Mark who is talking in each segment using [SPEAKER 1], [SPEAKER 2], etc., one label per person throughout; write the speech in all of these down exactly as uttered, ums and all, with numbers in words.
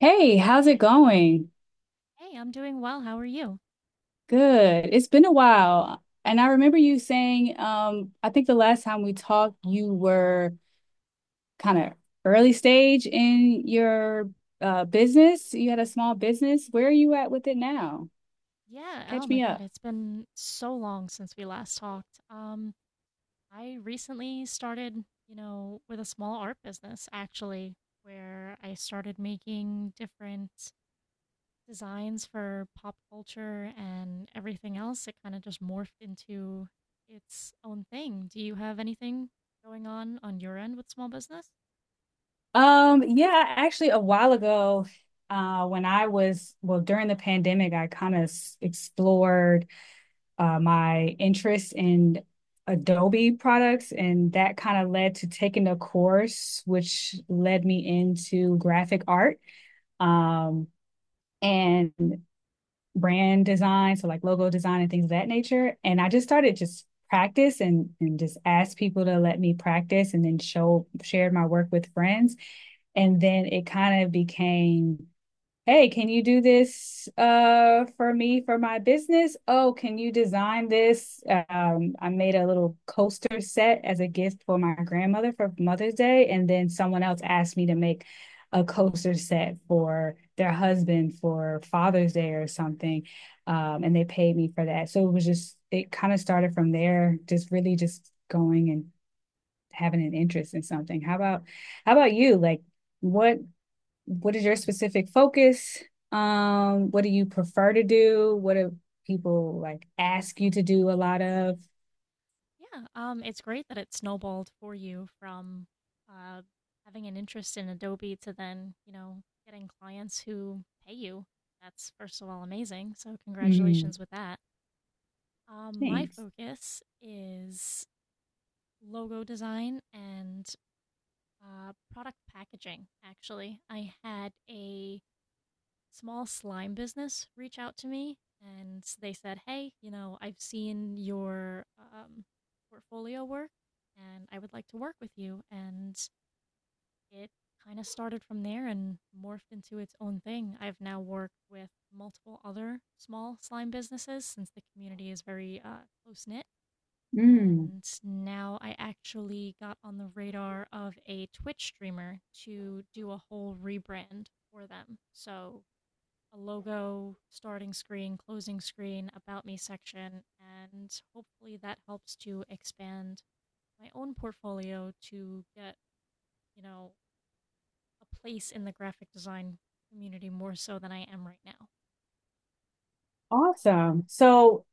[SPEAKER 1] Hey, how's it going?
[SPEAKER 2] Hey, I'm doing well. How are you?
[SPEAKER 1] Good. It's been a while. And I remember you saying, um, I think the last time we talked, you were kind of early stage in your uh, business. You had a small business. Where are you at with it now?
[SPEAKER 2] Yeah, oh
[SPEAKER 1] Catch
[SPEAKER 2] my
[SPEAKER 1] me
[SPEAKER 2] God,
[SPEAKER 1] up.
[SPEAKER 2] it's been so long since we last talked. Um, I recently started, you know, with a small art business actually, where I started making different designs for pop culture and everything else. It kind of just morphed into its own thing. Do you have anything going on on your end with small business?
[SPEAKER 1] Um, yeah, actually, a while ago, uh, when I was, well, during the pandemic, I kind of explored. Uh, my interest in Adobe products, and that kind of led to taking a course, which led me into graphic art um, and brand design, so like logo design and things of that nature. And I just started just practice and and just asked people to let me practice, and then show shared my work with friends, and then it kind of became, hey, can you do this uh for me for my business? Oh, can you design this? Um, I made a little coaster set as a gift for my grandmother for Mother's Day, and then someone else asked me to make a coaster set for their husband for Father's Day or something. Um, and they paid me for that. So it was just it kind of started from there, just really just going and having an interest in something. How about how about you? Like what what is your specific focus? Um, what do you prefer to do? What do people like ask you to do a lot of?
[SPEAKER 2] Yeah, um, it's great that it snowballed for you from uh, having an interest in Adobe to then, you know, getting clients who pay you. That's, first of all, amazing. So
[SPEAKER 1] Mm,
[SPEAKER 2] congratulations with that. Um, my
[SPEAKER 1] thanks.
[SPEAKER 2] focus is logo design and uh, product packaging. Actually, I had a small slime business reach out to me and they said, "Hey, you know, I've seen your um, portfolio work, and I would like to work with you." And it kind of started from there and morphed into its own thing. I've now worked with multiple other small slime businesses since the community is very uh, close knit.
[SPEAKER 1] Mm,
[SPEAKER 2] And now I actually got on the radar of a Twitch streamer to do a whole rebrand for them. So a logo, starting screen, closing screen, about me section, and hopefully that helps to expand my own portfolio to get, you know, a place in the graphic design community more so than I am right now.
[SPEAKER 1] awesome. So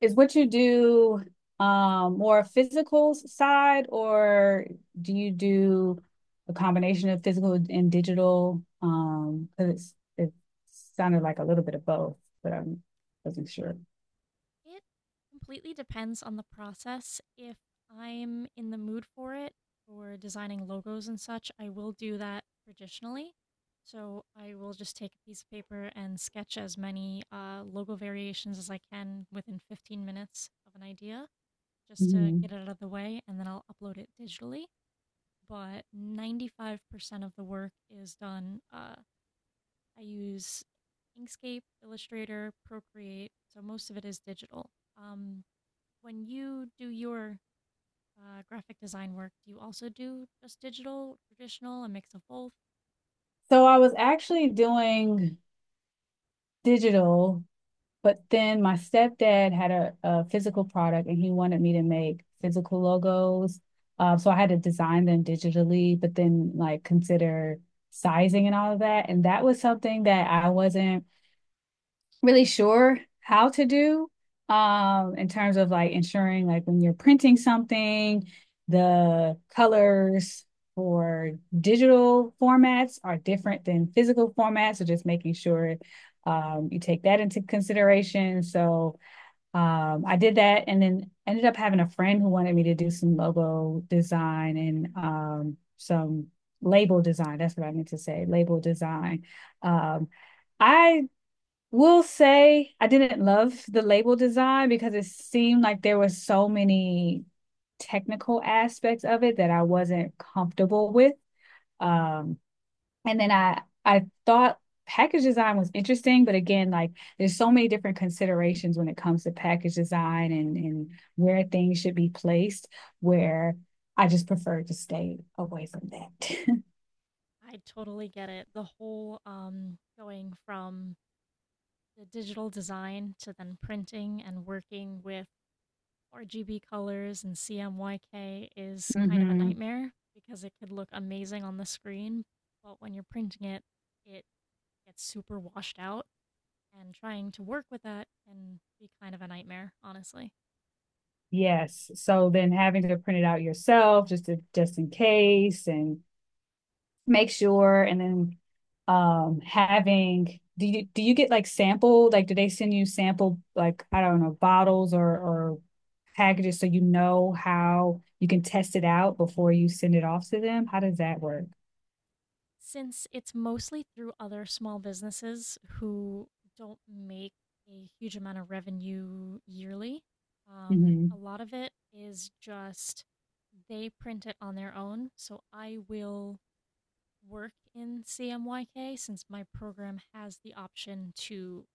[SPEAKER 1] is what you do um more physical side or do you do a combination of physical and digital? Um, because it's it sounded like a little bit of both, but I wasn't sure.
[SPEAKER 2] It completely depends on the process. If I'm in the mood for it, for designing logos and such, I will do that traditionally. So I will just take a piece of paper and sketch as many uh, logo variations as I can within fifteen minutes of an idea just to get
[SPEAKER 1] Mhm.
[SPEAKER 2] it out of the way, and then I'll upload it digitally. But ninety-five percent of the work is done. Uh, I use Inkscape, Illustrator, Procreate, so most of it is digital. Um, when you do your uh, graphic design work, do you also do just digital, traditional, a mix of both?
[SPEAKER 1] So I was actually doing digital, but then my stepdad had a, a physical product and he wanted me to make physical logos. Uh, so I had to design them digitally, but then like consider sizing and all of that. And that was something that I wasn't really sure how to do, um, in terms of like ensuring like when you're printing something, the colors for digital formats are different than physical formats. So just making sure, um, you take that into consideration. So, um, I did that and then ended up having a friend who wanted me to do some logo design and, um, some label design. That's what I meant to say, label design. Um, I will say I didn't love the label design because it seemed like there were so many technical aspects of it that I wasn't comfortable with. Um, and then I I thought package design was interesting, but again, like there's so many different considerations when it comes to package design and and where things should be placed, where I just prefer to stay away from that.
[SPEAKER 2] I totally get it. The whole um, going from the digital design to then printing and working with R G B colors and C M Y K is kind of a
[SPEAKER 1] hmm.
[SPEAKER 2] nightmare because it could look amazing on the screen, but when you're printing it, it gets super washed out, and trying to work with that can be kind of a nightmare, honestly.
[SPEAKER 1] Yes. So then having to print it out yourself just to, just in case and make sure and then um having, do you do you get like sample, like do they send you sample, like I don't know, bottles or or packages so you know how you can test it out before you send it off to them? How does that work?
[SPEAKER 2] Since it's mostly through other small businesses who don't make a huge amount of revenue yearly, um, a
[SPEAKER 1] Hmm.
[SPEAKER 2] lot of it is just they print it on their own. So I will work in C M Y K since my program has the option to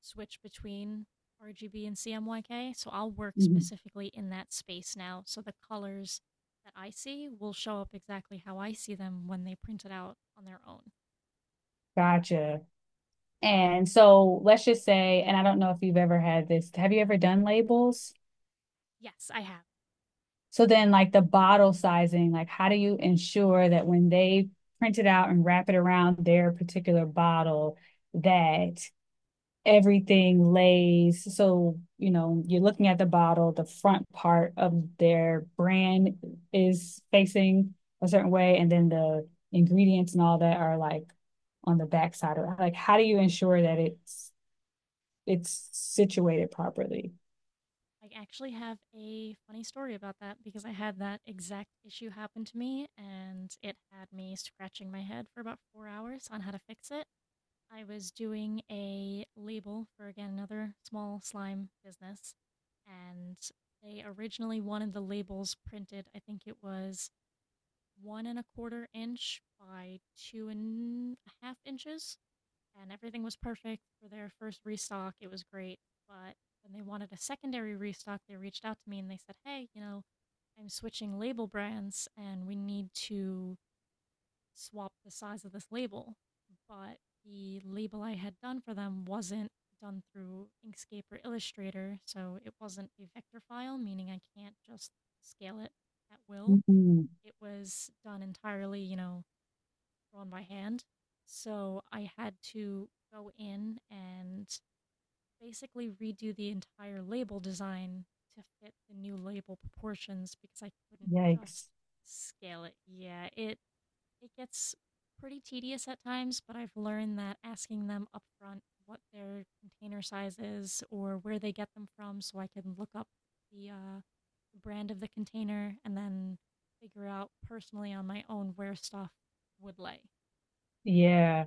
[SPEAKER 2] switch between R G B and C M Y K. So I'll work
[SPEAKER 1] Hmm.
[SPEAKER 2] specifically in that space now. So the colors that I see will show up exactly how I see them when they print it out on their own.
[SPEAKER 1] Gotcha. And so let's just say, and I don't know if you've ever had this. Have you ever done labels?
[SPEAKER 2] Yes, I have.
[SPEAKER 1] So then like the bottle sizing, like how do you ensure that when they print it out and wrap it around their particular bottle that everything lays so you know you're looking at the bottle, the front part of their brand is facing a certain way, and then the ingredients and all that are like on the back side of it, like how do you ensure that it's it's situated properly?
[SPEAKER 2] I actually have a funny story about that because I had that exact issue happen to me and it had me scratching my head for about four hours on how to fix it. I was doing a label for, again, another small slime business, and they originally wanted the labels printed. I think it was one and a quarter inch by two and a half inches, and everything was perfect for their first restock. It was great, but when they wanted a secondary restock, they reached out to me and they said, "Hey, you know, I'm switching label brands, and we need to swap the size of this label, but the label I had done for them wasn't done through Inkscape or Illustrator, so it wasn't a vector file, meaning I can't just scale it at will.
[SPEAKER 1] Mm-hmm.
[SPEAKER 2] It was done entirely, you know, drawn by hand. So I had to go in and basically redo the entire label design to fit the new label proportions because I couldn't just
[SPEAKER 1] Yikes.
[SPEAKER 2] scale it." Yeah, it it gets pretty tedious at times, but I've learned that asking them upfront what their container size is or where they get them from, so I can look up the uh, brand of the container and then figure out personally on my own where stuff would lay.
[SPEAKER 1] Yeah.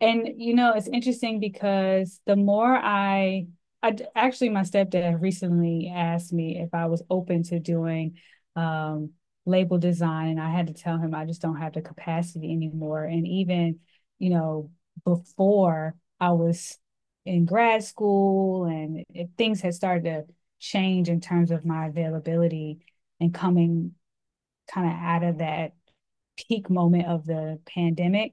[SPEAKER 1] And you know, it's interesting because the more I, I actually my stepdad recently asked me if I was open to doing um label design, and I had to tell him I just don't have the capacity anymore. And even, you know, before I was in grad school and if things had started to change in terms of my availability and coming kind of out of that peak moment of the pandemic,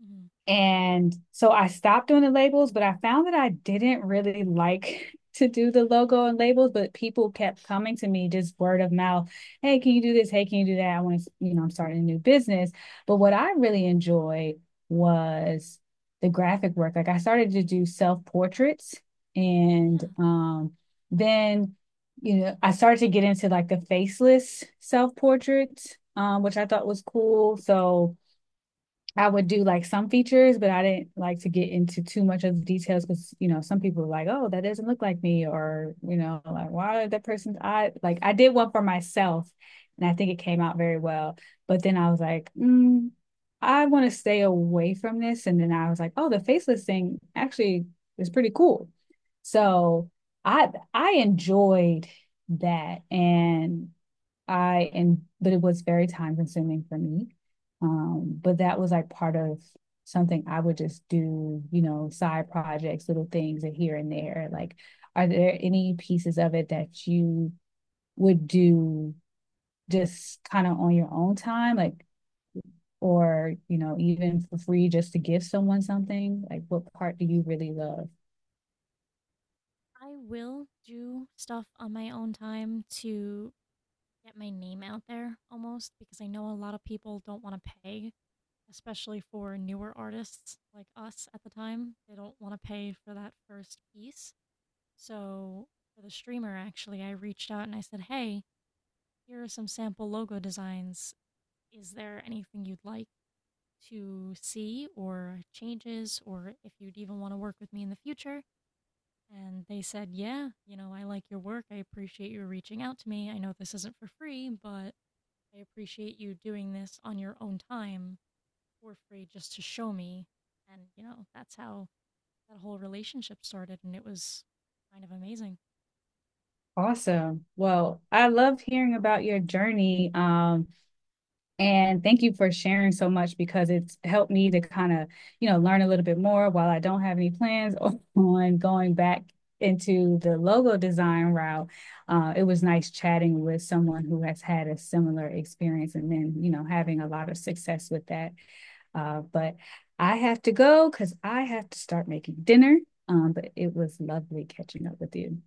[SPEAKER 2] Hmm.
[SPEAKER 1] and so I stopped doing the labels, but I found that I didn't really like to do the logo and labels, but people kept coming to me just word of mouth. Hey, can you do this? Hey, can you do that? I want to, you know, I'm starting a new business. But what I really enjoyed was the graphic work. Like I started to do self portraits and,
[SPEAKER 2] Yeah.
[SPEAKER 1] um, then, you know, I started to get into like the faceless self portraits, um, which I thought was cool. So, I would do like some features, but I didn't like to get into too much of the details because you know some people were like, "Oh, that doesn't look like me," or you know, like, "Why did that person's eye?" Like I did one for myself, and I think it came out very well. But then I was like, mm, "I want to stay away from this," and then I was like, "Oh, the faceless thing actually is pretty cool."
[SPEAKER 2] Mm.
[SPEAKER 1] So I I enjoyed that, and I and but it was very time consuming for me. Um, but that was like part of something I would just do, you know, side projects, little things here and there. Like, are there any pieces of it that you would do just kind of on your own time, like, or you know, even for free, just to give someone something? Like, what part do you really love?
[SPEAKER 2] I will do stuff on my own time to get my name out there almost, because I know a lot of people don't want to pay, especially for newer artists like us at the time. They don't want to pay for that first piece. So, for the streamer, actually, I reached out and I said, "Hey, here are some sample logo designs. Is there anything you'd like to see or changes, or if you'd even want to work with me in the future?" And they said, "Yeah, you know, I like your work. I appreciate you reaching out to me. I know this isn't for free, but I appreciate you doing this on your own time for free just to show me." And, you know, that's how that whole relationship started. And it was kind of amazing.
[SPEAKER 1] Awesome. Well, I love hearing about your journey. Um, And thank you for sharing so much because it's helped me to kind of, you know, learn a little bit more while I don't have any plans on going back into the logo design route. Uh, it was nice chatting with someone who has had a similar experience and then, you know, having a lot of success with that. Uh, but I have to go because I have to start making dinner. Um, but it was lovely catching up with you.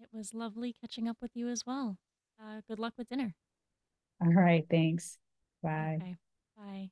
[SPEAKER 2] It was lovely catching up with you as well. Uh, good luck with dinner.
[SPEAKER 1] All right. Thanks. Bye.
[SPEAKER 2] Okay. Bye.